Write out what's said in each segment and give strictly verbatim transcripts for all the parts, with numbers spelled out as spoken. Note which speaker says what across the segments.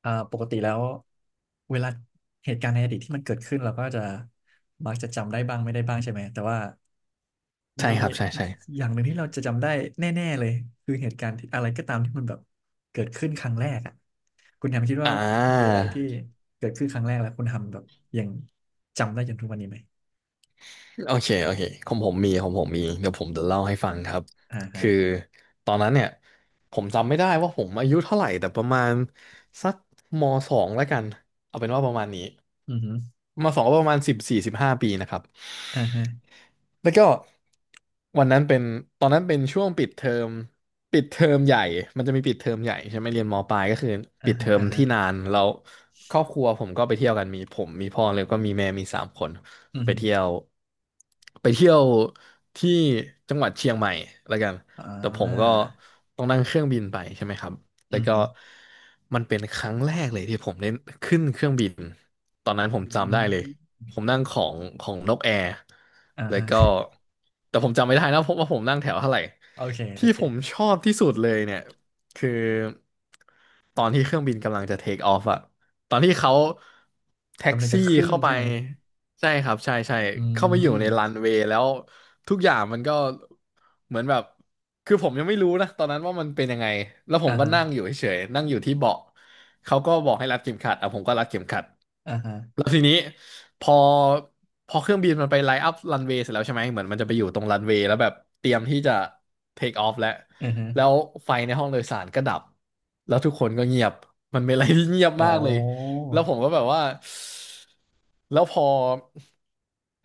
Speaker 1: เอ่อปกติแล้วเวลาเหตุการณ์ในอดีตที่มันเกิดขึ้นเราก็จะมักจะจำได้บ้างไม่ได้บ้างใช่ไหมแต่ว่ามี
Speaker 2: ใช่ครับใช่ใช่
Speaker 1: อย่างหนึ่งที่เราจะจำได้แน่ๆเลยคือเหตุการณ์ที่อะไรก็ตามที่มันแบบเกิดขึ้นครั้งแรกอ่ะคุณแฮมคิดว่า
Speaker 2: อ่
Speaker 1: มีอะไร
Speaker 2: า
Speaker 1: ที่เกิดขึ้นครั้งแรกแล้วคุณทำแบบยังจำได้จนทุกวันนี้ไหม
Speaker 2: โอเคโอเคของผมมีของผมมีเดี๋ยวผมจะเล่าให้ฟังครับ
Speaker 1: อ่าฮะ
Speaker 2: คือตอนนั้นเนี่ยผมจำไม่ได้ว่าผมอายุเท่าไหร่แต่ประมาณสักมสองแล้วกันเอาเป็นว่าประมาณนี้
Speaker 1: อือฮึ
Speaker 2: มสองก็ประมาณสิบสี่สิบห้าปีนะครับ
Speaker 1: อ่าฮะ
Speaker 2: แล้วก็วันนั้นเป็นตอนนั้นเป็นช่วงปิดเทอมปิดเทอมใหญ่มันจะมีปิดเทอมใหญ่ใช่ไหมเรียนมปลายก็คือ
Speaker 1: อ่า
Speaker 2: ปิดเท
Speaker 1: ฮะ
Speaker 2: อม
Speaker 1: อ่าฮะ
Speaker 2: ที่นานแล้วครอบครัวผมก็ไปเที่ยวกันมีผมมีพ่อแล้วก็มีแม่มีสามคน
Speaker 1: อือ
Speaker 2: ไป
Speaker 1: ฮึ
Speaker 2: เที่ยวไปเที่ยวที่จังหวัดเชียงใหม่แล้วกัน
Speaker 1: อ่
Speaker 2: แต่ผมก็
Speaker 1: า
Speaker 2: ต้องนั่งเครื่องบินไปใช่ไหมครับ
Speaker 1: อื
Speaker 2: แล้ว
Speaker 1: อ
Speaker 2: ก็
Speaker 1: ฮึ
Speaker 2: มันเป็นครั้งแรกเลยที่ผมได้ขึ้นเครื่องบิน ตอนนั้นผ
Speaker 1: อื
Speaker 2: มจำได้เลย
Speaker 1: ม
Speaker 2: ผมนั่งของของนกแอร์
Speaker 1: อ่า
Speaker 2: แล้วก็
Speaker 1: ฮะ
Speaker 2: แต่ผมจำไม่ได้นะเพราะว่าผมนั่งแถวเท่าไหร่
Speaker 1: โอเคโอ
Speaker 2: ที่ผม
Speaker 1: เค
Speaker 2: ชอบที่สุดเลยเนี่ยคือตอนที่เครื่องบินกำลังจะเทคออฟอะตอนที่เขาแท็ก
Speaker 1: กำลังจะ
Speaker 2: ซี่
Speaker 1: ขึ้น
Speaker 2: เข้าไป
Speaker 1: ใช่ไหม
Speaker 2: ใช่ครับใช่ใช่
Speaker 1: อื
Speaker 2: เข้าไปอยู่ในรั
Speaker 1: ม
Speaker 2: นเวย์แล้วทุกอย่างมันก็เหมือนแบบคือผมยังไม่รู้นะตอนนั้นว่ามันเป็นยังไงแล้วผ
Speaker 1: อ่า
Speaker 2: มก็
Speaker 1: ฮะ
Speaker 2: นั่งอยู่เฉยๆนั่งอยู่ที่เบาะเขาก็บอกให้รัดเข็มขัดอ่ะผมก็รัดเข็มขัด
Speaker 1: อ่าฮะ
Speaker 2: แล้วทีนี้พอพอเครื่องบินมันไปไลน์อัพรันเวย์เสร็จแล้วใช่ไหมเหมือนมันจะไปอยู่ตรงรันเวย์แล้วแบบเตรียมที่จะเทคออฟแล้ว
Speaker 1: อือฮะ
Speaker 2: แล้วไฟในห้องโดยสารก็ดับแล้วทุกคนก็เงียบมันเป็นอะไรที่เงียบ
Speaker 1: โอ
Speaker 2: มากเลย
Speaker 1: ้
Speaker 2: แล้วผมก็แบบว่า แล้วพอ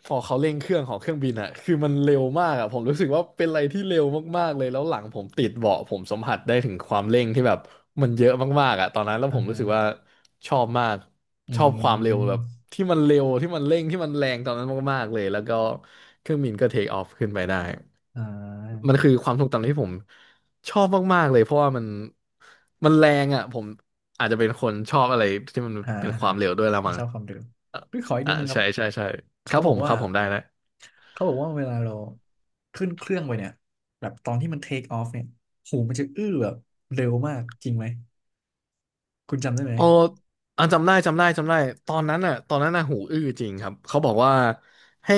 Speaker 2: พอเขาเร่งเครื่องของเครื่องบินอะคือมันเร็วมากอะผมรู้สึกว่าเป็นอะไรที่เร็วมากๆเลยแล้วหลังผมติดเบาะผมสัมผัสได้ถึงความเร่งที่แบบมันเยอะมากๆอะตอนนั้นแล้ว
Speaker 1: อ่า
Speaker 2: ผมรู้
Speaker 1: ฮะ
Speaker 2: สึกว่าชอบมาก
Speaker 1: อื
Speaker 2: ชอบความเร็วแบบ
Speaker 1: ม
Speaker 2: ที่มันเร็วที่มันเร่งที่มันแรงตอนนั้นมากๆเลยแล้วก็เครื่องบินก็เทคออฟขึ้นไปได้
Speaker 1: อ่า
Speaker 2: มันคือความทรงจำที่ผม ชอบมากๆเลยเพราะว่ามันมันแรงอ่ะผมอาจจะเป็นคนชอบอะไรที่มัน
Speaker 1: อ่า
Speaker 2: เป็น
Speaker 1: อ่า
Speaker 2: ควา
Speaker 1: ฮะ
Speaker 2: มเร็วด้วยละ
Speaker 1: ไม่
Speaker 2: มั้ง
Speaker 1: ชอบความเร็ว
Speaker 2: อ่ะ
Speaker 1: พี่ขออีก
Speaker 2: อ่า
Speaker 1: นิดนึงครั
Speaker 2: ใช่
Speaker 1: บ
Speaker 2: ใช่ใช่ครั
Speaker 1: เขา
Speaker 2: บ
Speaker 1: บ
Speaker 2: ผ
Speaker 1: อก
Speaker 2: มค
Speaker 1: ว่า
Speaker 2: รับผมได้แล้ว
Speaker 1: เขาบอกว่าเวลาเราขึ้นเครื่องไปเนี่ยแบบตอนที่มันเทคออฟเนี่ยหูมันจะอื้อแบบเร็วมากจริงไหม คุณจำได้ไหม
Speaker 2: เอออ่ะจำได้จำได้จำได้ตอนนั้นอ่ะตอนนั้นน่ะหูอื้อจริงครับเขาบอกว่าให้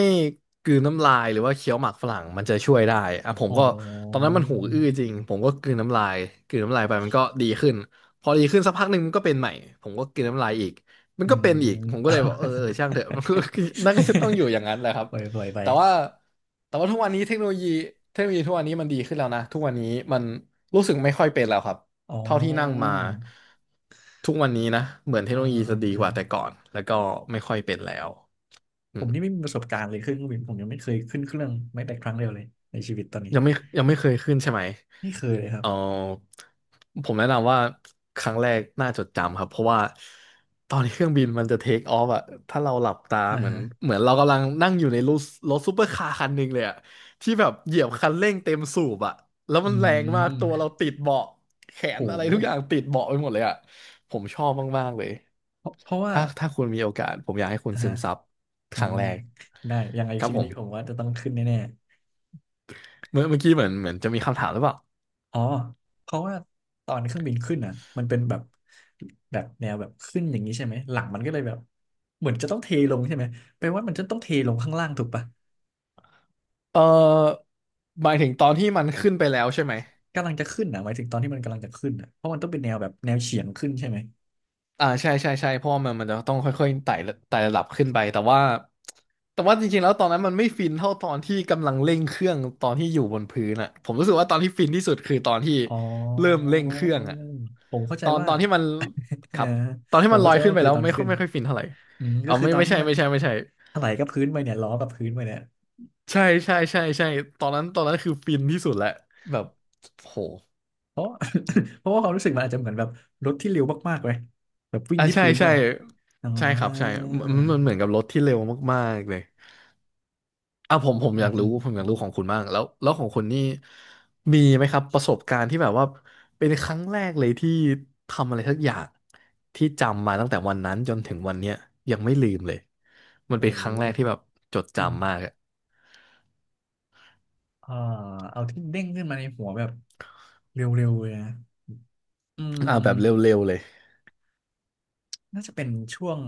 Speaker 2: กลืนน้ำลายหรือว่าเคี้ยวหมากฝรั่งมันจะช่วยได้อ่ะผม
Speaker 1: อ๋
Speaker 2: ก็ตอน
Speaker 1: อ
Speaker 2: นั้นมันหูอื้อจริงผมก็กลืนน้ำลายกลืนน้ำลายไปมันก็ดีขึ้นพอดีขึ้นสักพักหนึ่งมันก็เป็นใหม่ผมก็กลืนน้ำลายอีกมั
Speaker 1: เ
Speaker 2: นก็เป็นอีกผ
Speaker 1: ออ
Speaker 2: มก็เลยบอกเออเออช่างเถอะ มันก็นั่นก็จะต้องอยู่อย่างนั้นแหละครับ
Speaker 1: ปล่อยปล่อยไป
Speaker 2: แต่ว่าแต่ว่าทุกวันนี้เทคโนโลยีเทคโนโลยีทุกวันนี้มันดีขึ้นแล้วนะทุกวันนี้มันรู้สึกไม่ค่อยเป็นแล้วครับ
Speaker 1: อ๋
Speaker 2: เท่าที่นั่งมา
Speaker 1: อ
Speaker 2: ทุกวันนี้นะเหมือนเทค
Speaker 1: อ่า
Speaker 2: โนโลยี
Speaker 1: อ่า
Speaker 2: จะดี
Speaker 1: อ่า
Speaker 2: กว่าแต่ก่อนแล้วก็ไม่ค่อยเป็นแล้วอื
Speaker 1: ผม
Speaker 2: ม
Speaker 1: นี่ไม่มีประสบการณ์เลยขึ้นเครื่องบินผมยังไม่เคยขึ้นเครื่องไม่แต่ครั้งเดียวเลยในชีวิตตอนนี้
Speaker 2: ยังไม่ยังไม่เคยขึ้นใช่ไหม
Speaker 1: ไม่เคยเลยครั
Speaker 2: เอ
Speaker 1: บ
Speaker 2: อผมแนะนำว่าครั้งแรกน่าจดจำครับเพราะว่าตอนที่เครื่องบินมันจะเทคออฟอะถ้าเราหลับตา
Speaker 1: อ่า
Speaker 2: เหมือน
Speaker 1: ฮะ
Speaker 2: เหมือนเรากำลังนั่งอยู่ในรถรถซูเปอร์คาร์คันหนึ่งเลยอะที่แบบเหยียบคันเร่งเต็มสูบอะแล้ว
Speaker 1: อื
Speaker 2: มันแรงมากตัวเรา
Speaker 1: ม
Speaker 2: ติดเบาะแข
Speaker 1: โ
Speaker 2: นอะไรทุกอ
Speaker 1: ห
Speaker 2: ย่างติดเบาะไปหมดเลยอะผมชอบมากๆเลย
Speaker 1: เพราะเพราะว่า
Speaker 2: ถ้าถ้าคุณมีโอกาสผมอยากให้คุณ
Speaker 1: อ่า
Speaker 2: ซึ
Speaker 1: ฮะ
Speaker 2: มซับค
Speaker 1: อื
Speaker 2: รั้ง
Speaker 1: ม
Speaker 2: แรก
Speaker 1: ได้ยังไง
Speaker 2: ครับ
Speaker 1: ชีวิ
Speaker 2: ผ
Speaker 1: ต
Speaker 2: ม
Speaker 1: นี้ผมว่าจะต้องขึ้นแน่
Speaker 2: เมื่อเมื่อกี้เหมือนเหมือนจะมีคำถามหรือเปล่า
Speaker 1: ๆอ๋อเพราะว่าตอนเครื่องบินขึ้นอ่ะมันเป็นแบบแบบแนวแบบขึ้นอย่างนี้ใช่ไหมหลังมันก็เลยแบบเหมือนจะต้องเทลงใช่ไหมแปลว่ามันจะต้องเทลงข้างล่างถูกปะ
Speaker 2: เออหมายถึงตอนที่มันขึ้นไปแล้วใช่ไหม
Speaker 1: กำลังจะขึ้นอ่ะหมายถึงตอนที่มันกำลังจะขึ้นอ่ะเพราะมันต้องเป็นแนวแบบแนวเฉียงขึ้นใช่ไหม
Speaker 2: อ่าใช่ใช่ใช่เพราะว่ามันมันจะต้องค่อยๆไต่ระไต่ระดับขึ้นไปแต่ว่าแต่ว่าจริงๆแล้วตอนนั้นมันไม่ฟินเท่าตอนที่กำลังเร่งเครื่องตอนที่อยู่บนพื้นอ่ะผมรู้สึกว่าตอนที่ฟินที่สุดคือตอนที่
Speaker 1: อ๋อ
Speaker 2: เริ่มเร่งเครื่องอ่ะ
Speaker 1: ผมเข้าใจ
Speaker 2: ตอน
Speaker 1: ว่า
Speaker 2: ตอนที่มัน
Speaker 1: เอ
Speaker 2: ค
Speaker 1: อ
Speaker 2: รับตอนที่
Speaker 1: ผม
Speaker 2: มันล
Speaker 1: เข้า
Speaker 2: อ
Speaker 1: ใจ
Speaker 2: ย
Speaker 1: ว่า
Speaker 2: ขึ้น
Speaker 1: มั
Speaker 2: ไป
Speaker 1: นคื
Speaker 2: แล้
Speaker 1: อ
Speaker 2: ว
Speaker 1: ตอน
Speaker 2: ไม่ค่
Speaker 1: ขึ้
Speaker 2: อย
Speaker 1: น
Speaker 2: ไม่ค่อยฟินเท่าไหร่
Speaker 1: อืม
Speaker 2: อ๋
Speaker 1: ก็
Speaker 2: อ
Speaker 1: คือ
Speaker 2: ไม่
Speaker 1: ตอน
Speaker 2: ไม่
Speaker 1: ที่
Speaker 2: ใช่
Speaker 1: มัน
Speaker 2: ไม่ใช่ไม่ใช่
Speaker 1: ถลายกับพื้นไปเนี่ยล้อกับพื้นไปเนี่ย
Speaker 2: ใช่ใช่ใช่ใช่ตอนนั้นตอนนั้นคือฟินที่สุดแหละแบบโห
Speaker 1: เพราะ เพราะว่าความรู้สึกมันอาจจะเหมือนแบบรถที่เร็วมากๆเลยแบบวิ่ง
Speaker 2: อ่ะ
Speaker 1: ที่
Speaker 2: ใช่
Speaker 1: พื้นด้
Speaker 2: ใช่
Speaker 1: วยอ๋อ
Speaker 2: ใช่ครับใช่มันมันเหมือนกับรถที่เร็วมากๆเลยอ่ะผม
Speaker 1: อื
Speaker 2: ผมอ
Speaker 1: ม
Speaker 2: ยาก
Speaker 1: อื
Speaker 2: รู้
Speaker 1: ม
Speaker 2: ผมอ
Speaker 1: อื
Speaker 2: ยาก
Speaker 1: ม
Speaker 2: รู้ของคุณบ้างแล้วแล้วของคุณนี่มีไหมครับประสบการณ์ที่แบบว่าเป็นครั้งแรกเลยที่ทำอะไรสักอย่างที่จำมาตั้งแต่วันนั้นจนถึงวันเนี้ยยังไม่ลืมเลยมันเป็
Speaker 1: โอ้
Speaker 2: น
Speaker 1: โห
Speaker 2: ครั้งแรกที่แบบจด
Speaker 1: อืม
Speaker 2: จำมากอะ
Speaker 1: อ่าเอาที่เด้งขึ้นมาในหัวแบบเร็วๆเลยนะอื
Speaker 2: อ่ะแบบเร
Speaker 1: ม
Speaker 2: ็วๆเลย
Speaker 1: น่าจะเป็นช่วง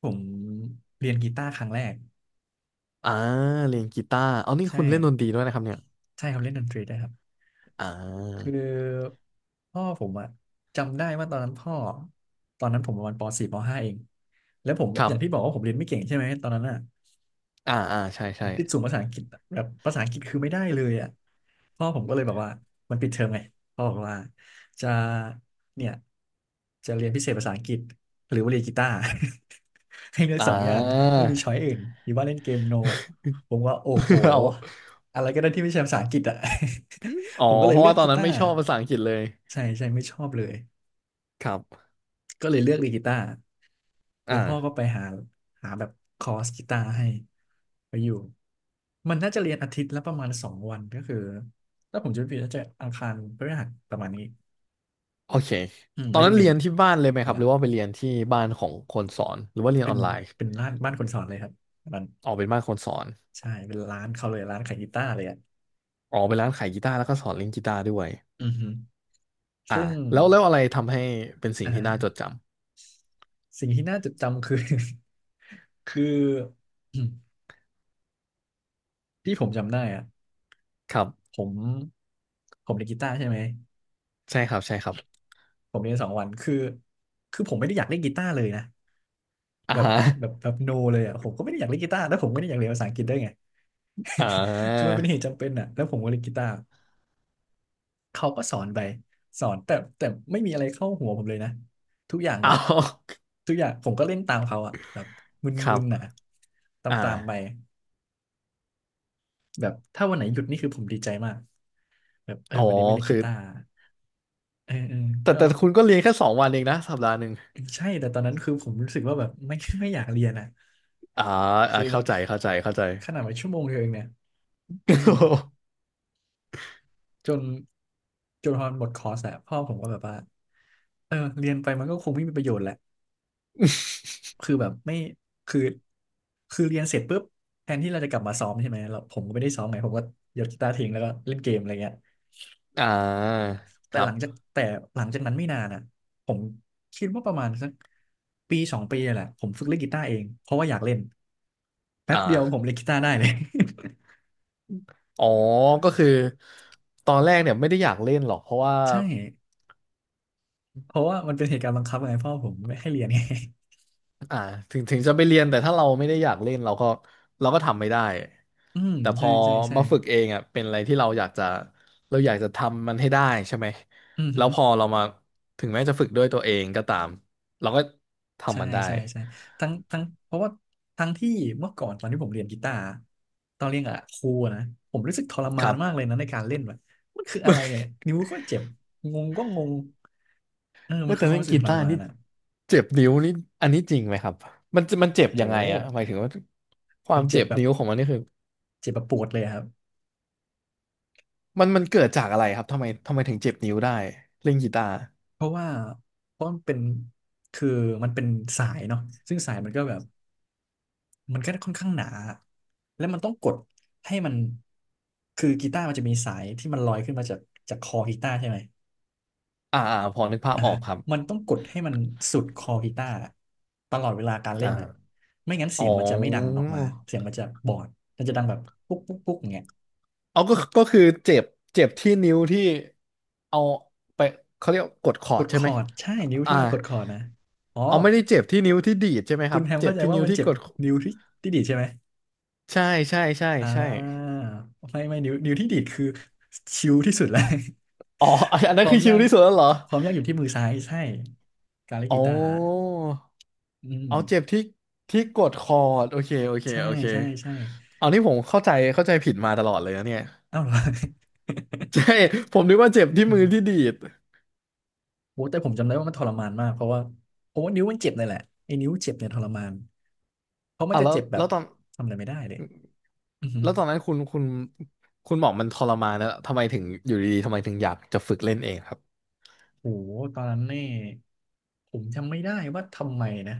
Speaker 1: ผมเรียนกีตาร์ครั้งแรก
Speaker 2: อ่าเรียนกีตาร์เอานี่คุ
Speaker 1: ใช่
Speaker 2: ณเล่นดนตรีด้วยนะครับเนี่ย
Speaker 1: ใช่ครับเล่นดนตรีได้ครับ
Speaker 2: อ่
Speaker 1: คื
Speaker 2: า
Speaker 1: อพ่อผมอะจำได้ว่าตอนนั้นพ่อตอนนั้นผมประมาณป .สี่ ป .ห้า เองแล้วผม
Speaker 2: ค
Speaker 1: อ
Speaker 2: รั
Speaker 1: ย่างที่บ
Speaker 2: บ
Speaker 1: อกว่าผมเรียนไม่เก่งใช่ไหมตอนนั้นอะ
Speaker 2: อ่าอ่าใช่
Speaker 1: ผ
Speaker 2: ใช่
Speaker 1: มติดสูงภาษาอังกฤษอะแบบภาษาอังกฤษคือไม่ได้เลยอ่ะพ่อผมก็เลยแบบว่ามันปิดเทอมไงพ่อบอกว่าจะเนี่ยจะเรียนพิเศษภาษาอังกฤษหรือว่าเรียนกีตาร์ ให้เลือก
Speaker 2: อ่า
Speaker 1: สองอย่างไม่มีช้อยอื่ นหรือว่าเล่นเกมโนผมว่าโอ้โห
Speaker 2: เอา
Speaker 1: อะไรก็ได้ที่ไม่ใช่ภาษาอังกฤษอ่ะ
Speaker 2: อ๋อ
Speaker 1: ผมก็เล
Speaker 2: เพ
Speaker 1: ย
Speaker 2: ราะ
Speaker 1: เลือ
Speaker 2: ว่า
Speaker 1: ก
Speaker 2: ตอน
Speaker 1: กี
Speaker 2: นั้น
Speaker 1: ตา
Speaker 2: ไม่
Speaker 1: ร์
Speaker 2: ชอบภาษาอังกฤษเลย
Speaker 1: ใช่ใช่ไม่ชอบเลย
Speaker 2: ครับ
Speaker 1: ก็เลยเลือกดีดกีตาร์แล้วพ่อก็
Speaker 2: อ่า
Speaker 1: ไปหาหาแบบคอร์สกีตาร์ให้ไปอยู่ มันน่าจะเรียนอาทิตย์ละประมาณสองวันก็คือถ้าผมจะไม่ผิดน่าจะอังคารพฤหัสประมาณนี้
Speaker 2: โอเค
Speaker 1: อืม
Speaker 2: ต
Speaker 1: มั
Speaker 2: อ
Speaker 1: น
Speaker 2: น
Speaker 1: ก็
Speaker 2: นั้
Speaker 1: จะ
Speaker 2: น
Speaker 1: มี
Speaker 2: เรียนที่บ้านเลยไหม
Speaker 1: เว
Speaker 2: ครับห
Speaker 1: ลา
Speaker 2: รือว่าไปเรียนที่บ้านของคนสอนหรือว่าเรียน
Speaker 1: เป็
Speaker 2: อ
Speaker 1: น
Speaker 2: อนไลน์
Speaker 1: เป็นร้านบ้านคนสอนเลยครับ มัน
Speaker 2: ออกเป็นบ้านคนสอน
Speaker 1: ใช่เป็นร้านเขาเลยร้านขายกีตาร์เลยอ่ะ
Speaker 2: ออกเป็นร้านขายกีตาร์แล้วก็สอนเล่นกีตาร์ด้วย
Speaker 1: อือฮึ
Speaker 2: อ่า
Speaker 1: ซึ่ง
Speaker 2: แล้วแล้วอะไรทำให้เป็น
Speaker 1: อ
Speaker 2: สิ่งที่น่าจด
Speaker 1: ่า
Speaker 2: จ
Speaker 1: สิ่งที่น่าจดจำคือ คือ ที่ผมจำได้อ่ะ
Speaker 2: ำครับ
Speaker 1: ผมผมเล่นกีตาร์ใช่ไหม
Speaker 2: ใช่ครับใช่ครับ
Speaker 1: ผมเรียนสองวันคือ คือผมไม่ได้อยากเล่นกีตาร์เลยนะ
Speaker 2: อ่า
Speaker 1: แบบ
Speaker 2: ฮะ
Speaker 1: แบบแบบโนเลยอ่ะผมก็ไม่ได้อยากเล่นกีตาร์แล้วผมก็ไม่ได้อยากเรียนภาษาอังกฤษด้วยไง
Speaker 2: อ่า
Speaker 1: คือมันเป็นเหตุจำเป็นอ่ะแล้วผมก็เล่นกีตาร์เขาก็สอนไปสอนแต่แต่ไม่มีอะไรเข้าหัวผมเลยนะทุกอย่าง
Speaker 2: เอ
Speaker 1: แบบ
Speaker 2: า
Speaker 1: ทุกอย่างผมก็เล่นตามเขาอ่ะแบบม
Speaker 2: ค
Speaker 1: ึ
Speaker 2: รับ
Speaker 1: นๆอ่ะต
Speaker 2: อ่า
Speaker 1: ามๆไปแบบถ้าวันไหนหยุดนี่คือผมดีใจมากแบบเออ
Speaker 2: อ๋อ
Speaker 1: วันนี้ไม่เล่น
Speaker 2: คื
Speaker 1: กี
Speaker 2: อ
Speaker 1: ตาร์เออเออ
Speaker 2: แต่
Speaker 1: ก็
Speaker 2: แต่คุณก็เรียนแค่สองวันเองนะสัปดาห์หนึ่ง
Speaker 1: ใช่แต่ตอนนั้นคือผมรู้สึกว่าแบบไม่ ไม่อยากเรียนอ่ะ
Speaker 2: อ่าอ่า
Speaker 1: คือมั
Speaker 2: เข้า
Speaker 1: น
Speaker 2: ใจเข้าใจเข้าใจ
Speaker 1: ขนาดว่าชั่วโมงเดียวเองเนี่ยอืม จนจนพอมันหมดคอร์สอะพ่อผมก็แบบว่าเออเรียนไปมันก็คงไม่มีประโยชน์แหละคือแบบไม่คือคือเรียนเสร็จปุ๊บแทนที่เราจะกลับมาซ้อมใช่ไหมเราผมก็ไม่ได้ซ้อมไงผมก็ยกกีตาร์ทิ้งแล้วก็เล่นเกมอะไรเงี้ย
Speaker 2: อ่าค
Speaker 1: แต่
Speaker 2: รั
Speaker 1: หลั
Speaker 2: บ
Speaker 1: งจากแต่หลังจากนั้นไม่นานอะผมคิดว่าประมาณสักปีสองปีเนี่ยแหละผมฝึกเล่นกีตาร์เองเพราะว่าอยากเล่นแป๊
Speaker 2: อ่
Speaker 1: บเดียวผม
Speaker 2: า
Speaker 1: เล่นกีตาร์ได้เลย
Speaker 2: อ๋อก็คือตอนแรกเนี่ยไม่ได้อยากเล่นหรอกเพราะว่า
Speaker 1: ใช่ เพราะว่ามันเป็นเหตุการณ์บังคับไงพ่อผมไม่ให้เรียนไง
Speaker 2: อ่าถึงถึงจะไปเรียนแต่ถ้าเราไม่ได้อยากเล่นเราก็เราก็ทำไม่ได้
Speaker 1: อืม
Speaker 2: แต่พ
Speaker 1: ใช่
Speaker 2: อ
Speaker 1: ใช่ใช่
Speaker 2: มาฝึกเองอ่ะเป็นอะไรที่เราอยากจะเราอยากจะทำมันให้ได้ใช่ไหม
Speaker 1: อือ
Speaker 2: แล้
Speaker 1: หื
Speaker 2: ว
Speaker 1: อ
Speaker 2: พอเรามาถึงแม้จะฝึกด้วยตัวเองก็ตามเราก็
Speaker 1: ใช่
Speaker 2: ทำมันได้
Speaker 1: ใช่ใช่ทั้งทั้งเพราะว่าทั้งที่เมื่อก่อนตอนที่ผมเรียนกีตาร์ตอนเรียนกับครูอนะผมรู้สึกทร
Speaker 2: ค
Speaker 1: มาน
Speaker 2: รั
Speaker 1: มากเลย
Speaker 2: บ
Speaker 1: นะในการเล่นแบบมันคืออะไรเนี่ยนิ้วก็เจ็บงงก็งงเออ
Speaker 2: เอ
Speaker 1: มั
Speaker 2: อ
Speaker 1: นคือ
Speaker 2: แต่
Speaker 1: ความ
Speaker 2: เล่น
Speaker 1: รู้สึ
Speaker 2: กี
Speaker 1: กทร
Speaker 2: ตาร์
Speaker 1: มาน
Speaker 2: นี่
Speaker 1: อ่ะ
Speaker 2: เจ็บนิ้วนี่อันนี้จริงไหมครับมันจะมันเจ็บ
Speaker 1: โ
Speaker 2: ยังไงอ่ะ
Speaker 1: ห
Speaker 2: หมายถึงว่าควา
Speaker 1: มั
Speaker 2: ม
Speaker 1: นเจ็
Speaker 2: เจ็
Speaker 1: บ
Speaker 2: บ
Speaker 1: แบบ
Speaker 2: นิ้วของมันนี่คือ
Speaker 1: เจ็บแบบปวดเลยอะครับ
Speaker 2: มันมันเกิดจากอะไรครับทำไมทำไมถึงเจ็บนิ้วได้เล่นกีตาร์
Speaker 1: เพราะว่าเพราะมันเป็นคือมันเป็นสายเนาะซึ่งสายมันก็แบบ มันก็ค่อนข้างหนา แล้วมันต้องกดให้มันคือกีตาร์มันจะมีสายที่มันลอยขึ้นมาจากจากคอกีตาร์ใช่ไหม
Speaker 2: อ่าอ่าพอนึกภาพ
Speaker 1: อ่า
Speaker 2: ออ
Speaker 1: ฮะ
Speaker 2: กครับ
Speaker 1: มันต้องกดให้มันสุดคอกีตาร์ตลอดเวลาการเล่นอ่ะ
Speaker 2: อ่า
Speaker 1: ไม่งั้น
Speaker 2: อ๋
Speaker 1: เสี
Speaker 2: อ
Speaker 1: ยงมันจะไม่ดังออกมาเสียงมันจะบอด มันจะดังแบบปุ๊กปุ๊กปุ๊กอย่างเงี้ย
Speaker 2: เอาก็ก็คือเจ็บเจ็บที่นิ้วที่เอาไปเขาเรียกกดคอ
Speaker 1: ก
Speaker 2: ร์ด
Speaker 1: ด
Speaker 2: ใช่
Speaker 1: ค
Speaker 2: ไหม
Speaker 1: อร์ด ใช่ นิ้ว
Speaker 2: อ่า
Speaker 1: ที่เรากดคอร์ดนะอ๋อ
Speaker 2: เอาไม่ได้เจ็บที่นิ้วที่ดีดใช่ไหมค
Speaker 1: คุ
Speaker 2: รั
Speaker 1: ณ
Speaker 2: บ
Speaker 1: แฮม
Speaker 2: เจ็บ
Speaker 1: เข้าใจ
Speaker 2: ที่
Speaker 1: ว่า
Speaker 2: นิ้ว
Speaker 1: มัน
Speaker 2: ที่
Speaker 1: เจ็บ
Speaker 2: กด
Speaker 1: นิ้วที่ที่ดีดใช่ไหม
Speaker 2: ใช่ใช่ใช่
Speaker 1: อ่
Speaker 2: ใช่
Speaker 1: าไม่ไม่นิ้วนิ้วที่ดีดคือชิลที่สุดแล้ว
Speaker 2: อ๋ออันอัน
Speaker 1: ค
Speaker 2: นั้น
Speaker 1: วา
Speaker 2: คื
Speaker 1: ม
Speaker 2: อชิ
Speaker 1: ยา
Speaker 2: ล
Speaker 1: ก
Speaker 2: ที่สุดแล้วเหรอ
Speaker 1: ความยากอยู่ที่มือซ้ายใช่การเล่นกี
Speaker 2: อ๋อ
Speaker 1: ตาร์อื
Speaker 2: เอาเจ็บ
Speaker 1: ม
Speaker 2: ที่ที่กดคอร์ดโอเคโอเค
Speaker 1: ใช่
Speaker 2: โอเค
Speaker 1: ใช่ใช่
Speaker 2: เอานี่ผมเข้าใจเข้าใจผิดมาตลอดเลยนะเนี่ย
Speaker 1: เอ้าเหรอ
Speaker 2: ใช่ผมนึกว่าเจ็บ ที่
Speaker 1: อื
Speaker 2: มือ
Speaker 1: ม
Speaker 2: ที่ดีด
Speaker 1: โอ้แต่ผมจำได้ว่ามันทรมานมากเพราะว่าเพราะว่านิ้วมันเจ็บเลยแหละไอ้นิ้วเจ็บเนี่ยทรมานเพราะมัน
Speaker 2: อ่ะ
Speaker 1: จะ
Speaker 2: แล้ว
Speaker 1: เจ็บแบ
Speaker 2: แล้
Speaker 1: บ
Speaker 2: วตอน
Speaker 1: ทำอะไรไม่ได้เลยอือหือ
Speaker 2: แล้วตอนนั้นคุณคุณคุณบอกมันทรมานนะทำไมถึงอยู่ดีๆทำไมถึงอยากจะฝึกเล่นเองครับ
Speaker 1: โหตอนนั้นนี่ผมจำไม่ได้ว่าทำไมนะ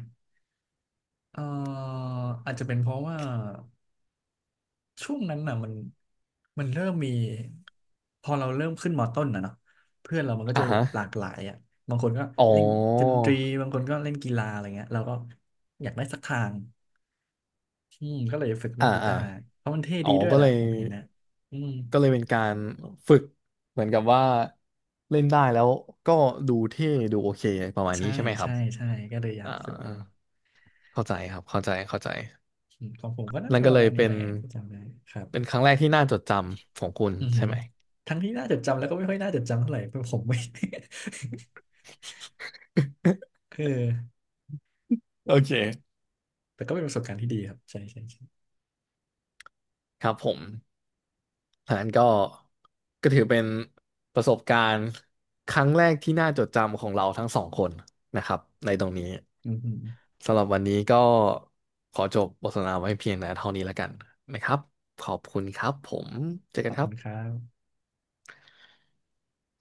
Speaker 1: เอ่ออาจจะเป็นเพราะว่า ช่วงนั้นน่ะมันมันเริ่มมีพอเราเริ่มขึ้นมต้นนะเนาะเพื่อนเรามันก็
Speaker 2: อ่า
Speaker 1: จะแบ
Speaker 2: ฮะ
Speaker 1: บหลากหลายอ่ะบางคนก็
Speaker 2: อ๋อ
Speaker 1: เล่นดนตรีบางคนก็เล่นกีฬาอะไรเงี้ยเราก็อยากได้สักทางอืมก็เลยฝึกเล่
Speaker 2: อ่า
Speaker 1: นกี
Speaker 2: อ่า
Speaker 1: ตาร์เพราะมันเท่
Speaker 2: อ๋อ
Speaker 1: ดีด้วย
Speaker 2: ก็
Speaker 1: แห
Speaker 2: เล
Speaker 1: ละ
Speaker 2: ย
Speaker 1: ผมเห็นนะอืม
Speaker 2: ก็เลยเป็นการฝึกเหมือนกับว่าเล่นได้แล้วก็ดูเท่ดูโอเคประมาณ
Speaker 1: ใช่
Speaker 2: นี้ใช่ไหมครั
Speaker 1: ใช่
Speaker 2: บ
Speaker 1: ใช่ก็เลยอยา
Speaker 2: อ่า
Speaker 1: กฝึก
Speaker 2: เข้าใจครับเข้าใจเข้าใจ
Speaker 1: อืมของผมก็น่า
Speaker 2: นั่
Speaker 1: จะ
Speaker 2: น
Speaker 1: ป
Speaker 2: ก็
Speaker 1: ระ
Speaker 2: เลย
Speaker 1: มาณนี้
Speaker 2: เป็
Speaker 1: แห
Speaker 2: น
Speaker 1: ละที่จำได้ครับ
Speaker 2: เป็นครั้งแรกที่น่าจดจำของคุณ
Speaker 1: อือหื
Speaker 2: ใช่
Speaker 1: อ
Speaker 2: ไหม
Speaker 1: ทั้งที่น่าจดจำแล้วก็ไม่ค่อยน่าจดจำเท่าไหร่เพราะผมไม่ คือ
Speaker 2: โอเค
Speaker 1: แต่ก็เป็นประสบการณ์ที่ดีครับใช่ใช่ใช่
Speaker 2: ครับผมอันนั้นก็ก็ถือเป็นประสบการณ์ครั้งแรกที่น่าจดจำของเราทั้งสองคนนะครับในตรงนี้
Speaker 1: อือหือ
Speaker 2: สำหรับวันนี้ก็ขอจบบทสนทนาไว้เพียงแต่เท่านี้แล้วกันนะครับขอบคุณครับผมเจอ
Speaker 1: ข
Speaker 2: กั
Speaker 1: อ
Speaker 2: น
Speaker 1: บ
Speaker 2: ครั
Speaker 1: คุณค
Speaker 2: บ
Speaker 1: รับ